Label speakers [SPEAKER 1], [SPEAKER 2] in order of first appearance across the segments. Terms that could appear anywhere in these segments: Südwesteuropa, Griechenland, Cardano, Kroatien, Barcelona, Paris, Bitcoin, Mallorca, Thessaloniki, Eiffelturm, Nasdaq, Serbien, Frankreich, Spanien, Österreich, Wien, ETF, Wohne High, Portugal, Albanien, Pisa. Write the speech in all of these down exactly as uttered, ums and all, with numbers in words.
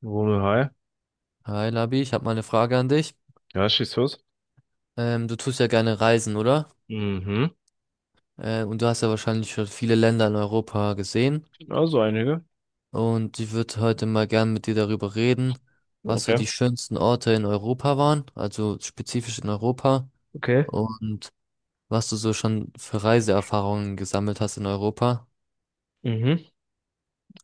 [SPEAKER 1] Wohne High.
[SPEAKER 2] Hi Labi, ich habe mal eine Frage an dich.
[SPEAKER 1] Ja, schieß los.
[SPEAKER 2] Ähm, du tust ja gerne reisen, oder?
[SPEAKER 1] Mhm.
[SPEAKER 2] Äh, und du hast ja wahrscheinlich schon viele Länder in Europa gesehen.
[SPEAKER 1] Also einige.
[SPEAKER 2] Und ich würde heute mal gern mit dir darüber reden, was so
[SPEAKER 1] Okay.
[SPEAKER 2] die schönsten Orte in Europa waren, also spezifisch in Europa,
[SPEAKER 1] Okay.
[SPEAKER 2] und was du so schon für Reiseerfahrungen gesammelt hast in Europa.
[SPEAKER 1] Mhm.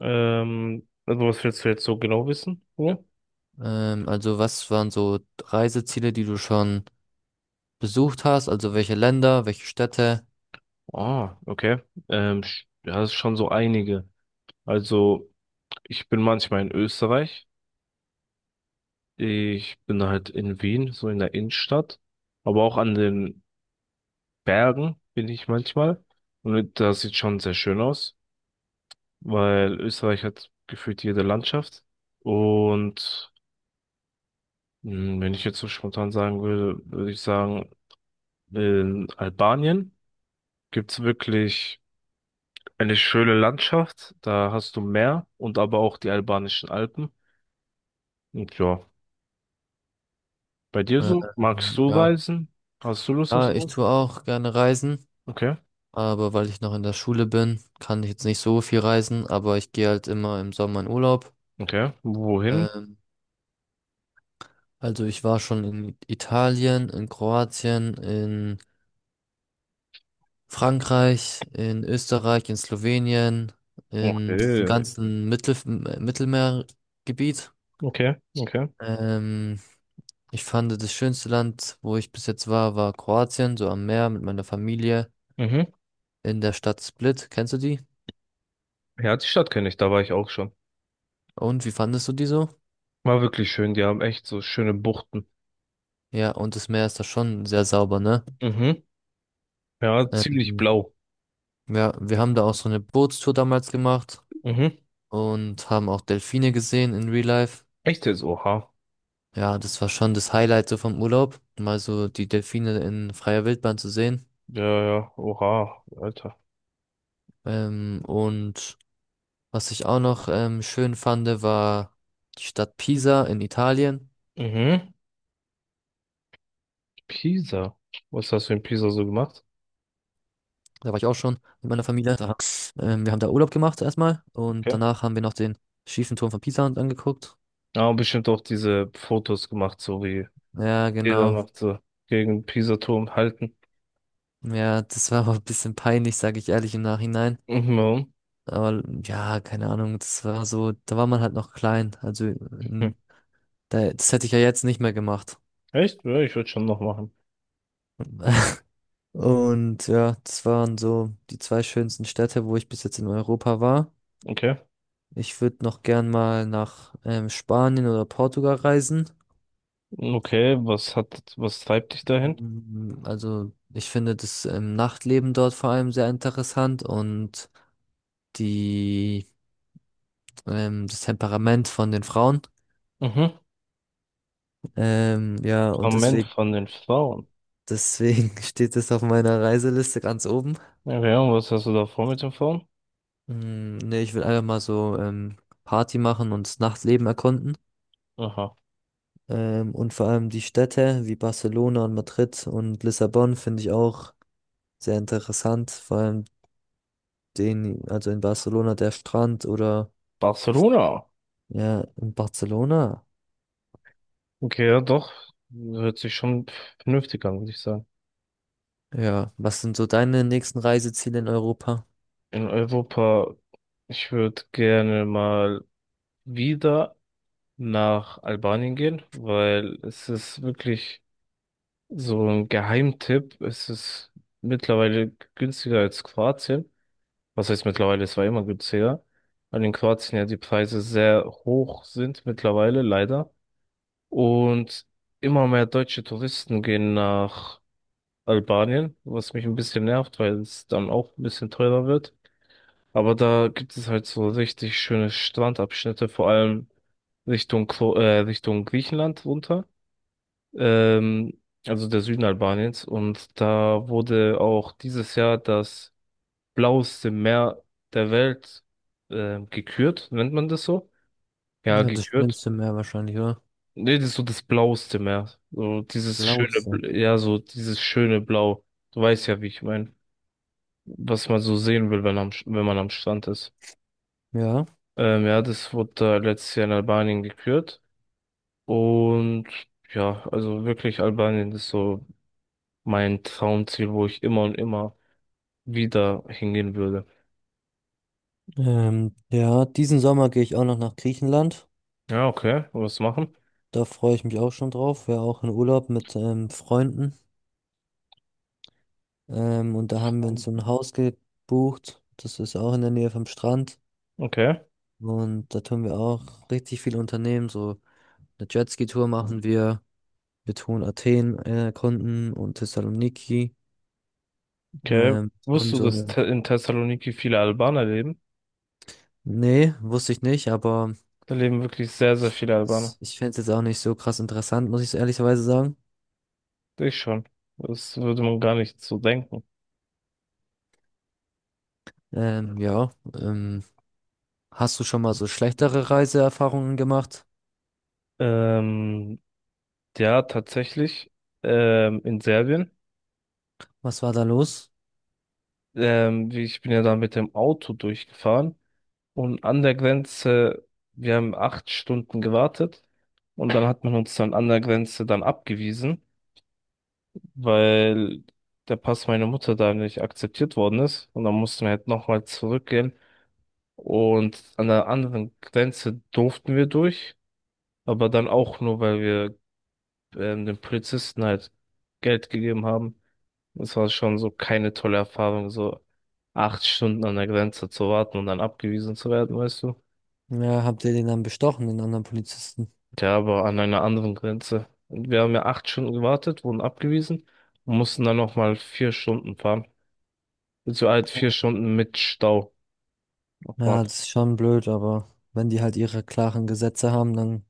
[SPEAKER 1] Ähm, also, was willst du jetzt so genau wissen? Ja.
[SPEAKER 2] Ähm, also was waren so Reiseziele, die du schon besucht hast? Also welche Länder, welche Städte?
[SPEAKER 1] Ah, okay. Ähm, sch- ja, das ist schon so einige. Also, ich bin manchmal in Österreich. Ich bin halt in Wien, so in der Innenstadt. Aber auch an den Bergen bin ich manchmal. Und das sieht schon sehr schön aus, weil Österreich hat gefühlt jede Landschaft. Und Hm, Wenn ich jetzt so spontan sagen würde, würde ich sagen, in Albanien gibt's wirklich eine schöne Landschaft. Da hast du Meer und aber auch die albanischen Alpen. Und ja, bei dir so? Magst
[SPEAKER 2] Ähm,
[SPEAKER 1] du
[SPEAKER 2] ja.
[SPEAKER 1] reisen? Hast du Lust aufs
[SPEAKER 2] Ja, ich
[SPEAKER 1] Land?
[SPEAKER 2] tue auch gerne reisen.
[SPEAKER 1] Okay,
[SPEAKER 2] Aber weil ich noch in der Schule bin, kann ich jetzt nicht so viel reisen, aber ich gehe halt immer im Sommer in Urlaub.
[SPEAKER 1] okay. Wohin?
[SPEAKER 2] Ähm, also ich war schon in Italien, in Kroatien, in Frankreich, in Österreich, in Slowenien, in diesem
[SPEAKER 1] Okay,
[SPEAKER 2] ganzen Mittel Mittelmeergebiet.
[SPEAKER 1] okay, okay.
[SPEAKER 2] Ähm, Ich fand das schönste Land, wo ich bis jetzt war, war Kroatien, so am Meer mit meiner Familie
[SPEAKER 1] Mhm.
[SPEAKER 2] in der Stadt Split. Kennst du die?
[SPEAKER 1] Ja, die Stadt kenne ich, da war ich auch schon.
[SPEAKER 2] Und wie fandest du die so?
[SPEAKER 1] War wirklich schön, die haben echt so schöne Buchten.
[SPEAKER 2] Ja, und das Meer ist da schon sehr sauber, ne?
[SPEAKER 1] Mhm. Ja, ziemlich
[SPEAKER 2] Ähm,
[SPEAKER 1] blau.
[SPEAKER 2] ja, wir haben da auch so eine Bootstour damals gemacht
[SPEAKER 1] Mhm.
[SPEAKER 2] und haben auch Delfine gesehen in Real Life.
[SPEAKER 1] Echt jetzt, oha.
[SPEAKER 2] Ja, das war schon das Highlight so vom Urlaub, mal so die Delfine in freier Wildbahn zu sehen.
[SPEAKER 1] Ja, ja, oha, Alter.
[SPEAKER 2] Ähm, und was ich auch noch ähm, schön fand, war die Stadt Pisa in Italien.
[SPEAKER 1] Mhm. Pisa. Was hast du in Pisa so gemacht?
[SPEAKER 2] Da war ich auch schon mit meiner Familie. Da, ähm, wir haben da Urlaub gemacht erstmal und
[SPEAKER 1] Okay.
[SPEAKER 2] danach haben wir noch den schiefen Turm von Pisa angeguckt.
[SPEAKER 1] Ja, bestimmt auch diese Fotos gemacht, so wie
[SPEAKER 2] Ja,
[SPEAKER 1] jeder
[SPEAKER 2] genau.
[SPEAKER 1] macht, so gegen Pisa-Turm halten.
[SPEAKER 2] Ja, das war auch ein bisschen peinlich, sage ich ehrlich im Nachhinein.
[SPEAKER 1] Mhm.
[SPEAKER 2] Aber ja, keine Ahnung, das war so, da war man halt noch klein. Also
[SPEAKER 1] Mhm.
[SPEAKER 2] in, da, das hätte ich ja jetzt nicht mehr gemacht.
[SPEAKER 1] Echt? Ja, ich würde schon noch machen.
[SPEAKER 2] Und ja, das waren so die zwei schönsten Städte, wo ich bis jetzt in Europa war.
[SPEAKER 1] Okay.
[SPEAKER 2] Ich würde noch gern mal nach ähm, Spanien oder Portugal reisen.
[SPEAKER 1] Okay, was hat, was treibt dich dahin?
[SPEAKER 2] Mm, Also ich finde das ähm, Nachtleben dort vor allem sehr interessant und die ähm, das Temperament von den Frauen.
[SPEAKER 1] Mhm.
[SPEAKER 2] Ähm, ja, und
[SPEAKER 1] Moment
[SPEAKER 2] deswegen
[SPEAKER 1] von den Frauen.
[SPEAKER 2] Deswegen steht es auf meiner Reiseliste ganz oben.
[SPEAKER 1] Okay, und was hast du da vor mit den Frauen?
[SPEAKER 2] Mm, nee, ich will einfach mal so ähm, Party machen und das Nachtleben erkunden.
[SPEAKER 1] Aha.
[SPEAKER 2] Ähm, und vor allem die Städte wie Barcelona und Madrid und Lissabon finde ich auch sehr interessant. Vor allem den, also in Barcelona der Strand oder
[SPEAKER 1] Barcelona.
[SPEAKER 2] ja, in Barcelona.
[SPEAKER 1] Okay, ja, doch. Hört sich schon vernünftig an, würde ich sagen.
[SPEAKER 2] Ja, was sind so deine nächsten Reiseziele in Europa?
[SPEAKER 1] In Europa, ich würde gerne mal wieder nach Albanien gehen, weil es ist wirklich so ein Geheimtipp. Es ist mittlerweile günstiger als Kroatien. Was heißt mittlerweile? Es war immer günstiger. Weil in Kroatien ja die Preise sehr hoch sind mittlerweile, leider. Und immer mehr deutsche Touristen gehen nach Albanien, was mich ein bisschen nervt, weil es dann auch ein bisschen teurer wird. Aber da gibt es halt so richtig schöne Strandabschnitte, vor allem Richtung, Kro- äh, Richtung Griechenland runter. ähm, also der Süden Albaniens. Und da wurde auch dieses Jahr das blaueste Meer der Welt ähm, gekürt, nennt man das so? Ja,
[SPEAKER 2] Ja, das
[SPEAKER 1] gekürt.
[SPEAKER 2] schönste Meer wahrscheinlich, oder?
[SPEAKER 1] Nee, das ist so das blaueste Meer. So dieses schöne,
[SPEAKER 2] Lausitz.
[SPEAKER 1] Bl- ja, so dieses schöne Blau. Du weißt ja, wie ich meine, was man so sehen will, wenn, am, wenn man am Strand ist.
[SPEAKER 2] Ja,
[SPEAKER 1] Ähm, ja, das wurde da letztes Jahr in Albanien gekürt. Und ja, also wirklich Albanien ist so mein Traumziel, wo ich immer und immer wieder hingehen würde.
[SPEAKER 2] ähm, ja, diesen Sommer gehe ich auch noch nach Griechenland.
[SPEAKER 1] Ja, okay. Was machen?
[SPEAKER 2] Da freue ich mich auch schon drauf. Wäre auch in Urlaub mit ähm, Freunden. Ähm, und da haben wir uns so ein
[SPEAKER 1] Ähm,
[SPEAKER 2] Haus gebucht. Das ist auch in der Nähe vom Strand.
[SPEAKER 1] Okay,
[SPEAKER 2] Und da tun wir auch richtig viel unternehmen. So eine Jetski-Tour machen wir. Wir tun Athen äh, erkunden und Thessaloniki.
[SPEAKER 1] okay.
[SPEAKER 2] Ähm,
[SPEAKER 1] Wusstest
[SPEAKER 2] und
[SPEAKER 1] du,
[SPEAKER 2] so
[SPEAKER 1] dass
[SPEAKER 2] eine.
[SPEAKER 1] Te in Thessaloniki viele Albaner leben?
[SPEAKER 2] Nee, wusste ich nicht, aber
[SPEAKER 1] Da leben wirklich sehr, sehr viele Albaner.
[SPEAKER 2] s- ich fände es jetzt auch nicht so krass interessant, muss ich so ehrlicherweise sagen.
[SPEAKER 1] Ich schon. Das würde man gar nicht so denken.
[SPEAKER 2] Ähm, ja. Ähm, Hast du schon mal so schlechtere Reiseerfahrungen gemacht?
[SPEAKER 1] Ähm, ja, tatsächlich. Ähm, in Serbien.
[SPEAKER 2] Was war da los?
[SPEAKER 1] Ähm, wie- ich bin ja da mit dem Auto durchgefahren. Und an der Grenze, wir haben acht Stunden gewartet. Und dann hat man uns dann an der Grenze dann abgewiesen, weil der Pass meiner Mutter da nicht akzeptiert worden ist. Und dann mussten wir halt nochmal zurückgehen. Und an der anderen Grenze durften wir durch, aber dann auch nur, weil wir ähm, den Polizisten halt Geld gegeben haben. Das war schon so keine tolle Erfahrung, so acht Stunden an der Grenze zu warten und dann abgewiesen zu werden, weißt du?
[SPEAKER 2] Ja, habt ihr den dann bestochen, den anderen Polizisten?
[SPEAKER 1] Ja, aber an einer anderen Grenze. Und wir haben ja acht Stunden gewartet, wurden abgewiesen und mussten dann nochmal vier Stunden fahren. Also halt vier Stunden mit Stau.
[SPEAKER 2] Ja,
[SPEAKER 1] Aufwand.
[SPEAKER 2] das ist schon blöd, aber wenn die halt ihre klaren Gesetze haben, dann,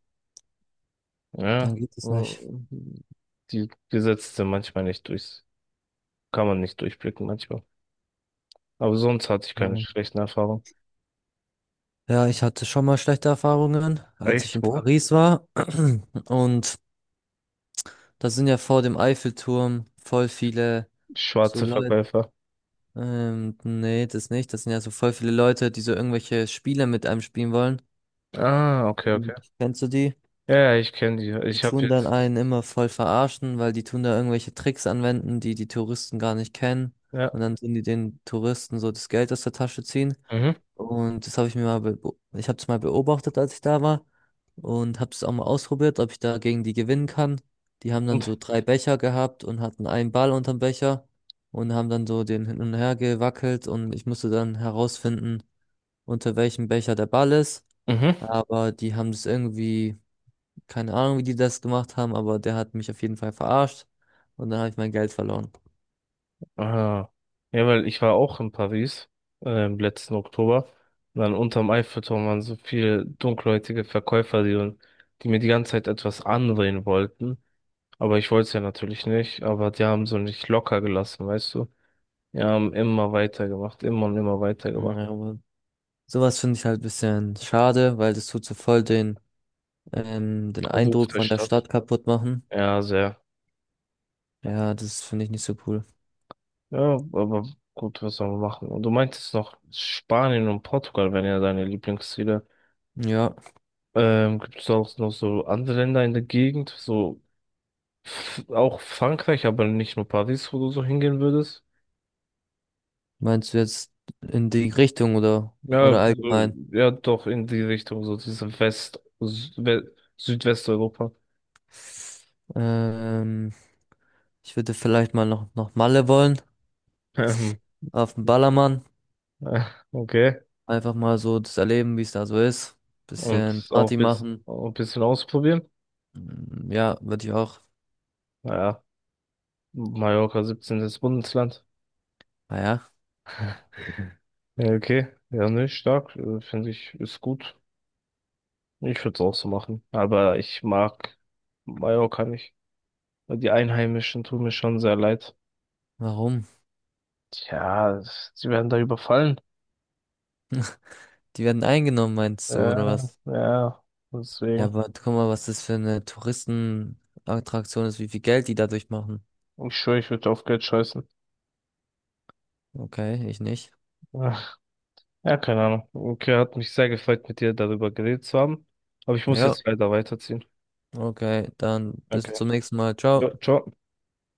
[SPEAKER 2] dann
[SPEAKER 1] Ja,
[SPEAKER 2] geht
[SPEAKER 1] äh,
[SPEAKER 2] es nicht.
[SPEAKER 1] die Gesetze sind manchmal nicht durchs, kann man nicht durchblicken manchmal. Aber sonst hatte ich keine
[SPEAKER 2] Ja,
[SPEAKER 1] schlechten Erfahrungen.
[SPEAKER 2] Ja, ich hatte schon mal schlechte Erfahrungen, als ich
[SPEAKER 1] Echt,
[SPEAKER 2] in
[SPEAKER 1] wo?
[SPEAKER 2] Paris war. Und da sind ja vor dem Eiffelturm voll viele so
[SPEAKER 1] Schwarze
[SPEAKER 2] Leute.
[SPEAKER 1] Verkäufer.
[SPEAKER 2] Ähm, nee, das nicht. Das sind ja so voll viele Leute, die so irgendwelche Spiele mit einem spielen wollen.
[SPEAKER 1] Ah, okay, okay.
[SPEAKER 2] Mhm. Kennst du die?
[SPEAKER 1] Ja, ja, ich kenne die.
[SPEAKER 2] Die
[SPEAKER 1] Ich habe
[SPEAKER 2] tun dann
[SPEAKER 1] jetzt,
[SPEAKER 2] einen immer voll verarschen, weil die tun da irgendwelche Tricks anwenden, die die Touristen gar nicht kennen.
[SPEAKER 1] ja,
[SPEAKER 2] Und dann tun die den Touristen so das Geld aus der Tasche ziehen.
[SPEAKER 1] mhm.
[SPEAKER 2] Und das habe ich mir mal, beo- ich habe es mal beobachtet, als ich da war. Und habe es auch mal ausprobiert, ob ich da gegen die gewinnen kann. Die haben dann
[SPEAKER 1] Und,
[SPEAKER 2] so drei Becher gehabt und hatten einen Ball unterm Becher und haben dann so den hin und her gewackelt. Und ich musste dann herausfinden, unter welchem Becher der Ball ist.
[SPEAKER 1] mhm.
[SPEAKER 2] Aber die haben das irgendwie keine Ahnung, wie die das gemacht haben, aber der hat mich auf jeden Fall verarscht und dann habe ich mein Geld verloren.
[SPEAKER 1] Ah. Ja, weil ich war auch in Paris, äh, im letzten Oktober. Und dann unterm Eiffelturm waren so viele dunkelhäutige Verkäufer, die, die mir die ganze Zeit etwas andrehen wollten. Aber ich wollte es ja natürlich nicht, aber die haben so nicht locker gelassen, weißt du? Die haben immer weitergemacht, immer und immer weitergemacht.
[SPEAKER 2] Ja, aber sowas finde ich halt ein bisschen schade, weil das tut so voll den, ähm, den
[SPEAKER 1] Auf Ruf
[SPEAKER 2] Eindruck
[SPEAKER 1] der
[SPEAKER 2] von der
[SPEAKER 1] Stadt.
[SPEAKER 2] Stadt kaputt machen.
[SPEAKER 1] Ja, sehr.
[SPEAKER 2] Ja, das finde ich nicht so cool.
[SPEAKER 1] Ja, aber gut, was soll man machen? Und du meintest noch, Spanien und Portugal wären ja deine Lieblingsziele.
[SPEAKER 2] Ja,
[SPEAKER 1] Ähm, gibt es auch noch so andere Länder in der Gegend, so f- auch Frankreich, aber nicht nur Paris, wo du so hingehen würdest?
[SPEAKER 2] meinst du jetzt in die Richtung oder,
[SPEAKER 1] Ja,
[SPEAKER 2] oder
[SPEAKER 1] so-
[SPEAKER 2] allgemein?
[SPEAKER 1] ja, doch in die Richtung, so diese West, Sü- We- Südwesteuropa.
[SPEAKER 2] Ähm, Ich würde vielleicht mal noch, noch Malle wollen,
[SPEAKER 1] Ähm,
[SPEAKER 2] auf den Ballermann.
[SPEAKER 1] äh, Okay.
[SPEAKER 2] Einfach mal so das erleben, wie es da so ist. Bisschen
[SPEAKER 1] und auch ein
[SPEAKER 2] Party
[SPEAKER 1] bis,
[SPEAKER 2] machen.
[SPEAKER 1] auch ein bisschen ausprobieren.
[SPEAKER 2] Mm, Ja, würde ich auch.
[SPEAKER 1] Naja, Mallorca siebzehntes. Bundesland.
[SPEAKER 2] Naja.
[SPEAKER 1] Ja, okay, ja, nicht stark, äh, finde ich, ist gut. Ich würde es auch so machen, aber ich mag Mallorca nicht. Die Einheimischen tun mir schon sehr leid.
[SPEAKER 2] Warum?
[SPEAKER 1] Tja, sie werden da überfallen.
[SPEAKER 2] Die werden eingenommen, meinst du, oder
[SPEAKER 1] Ja,
[SPEAKER 2] was?
[SPEAKER 1] ja,
[SPEAKER 2] Ja,
[SPEAKER 1] deswegen.
[SPEAKER 2] aber guck mal, was das für eine Touristenattraktion ist, wie viel Geld die dadurch machen.
[SPEAKER 1] Ich schwöre, ich würde auf Geld scheißen.
[SPEAKER 2] Okay, ich nicht.
[SPEAKER 1] Ja, ja, keine Ahnung. Okay, hat mich sehr gefreut, mit dir darüber geredet zu haben. Aber ich muss
[SPEAKER 2] Ja,
[SPEAKER 1] jetzt leider weiterziehen.
[SPEAKER 2] okay, dann bis
[SPEAKER 1] Okay.
[SPEAKER 2] zum nächsten Mal.
[SPEAKER 1] Ja,
[SPEAKER 2] Ciao.
[SPEAKER 1] ciao.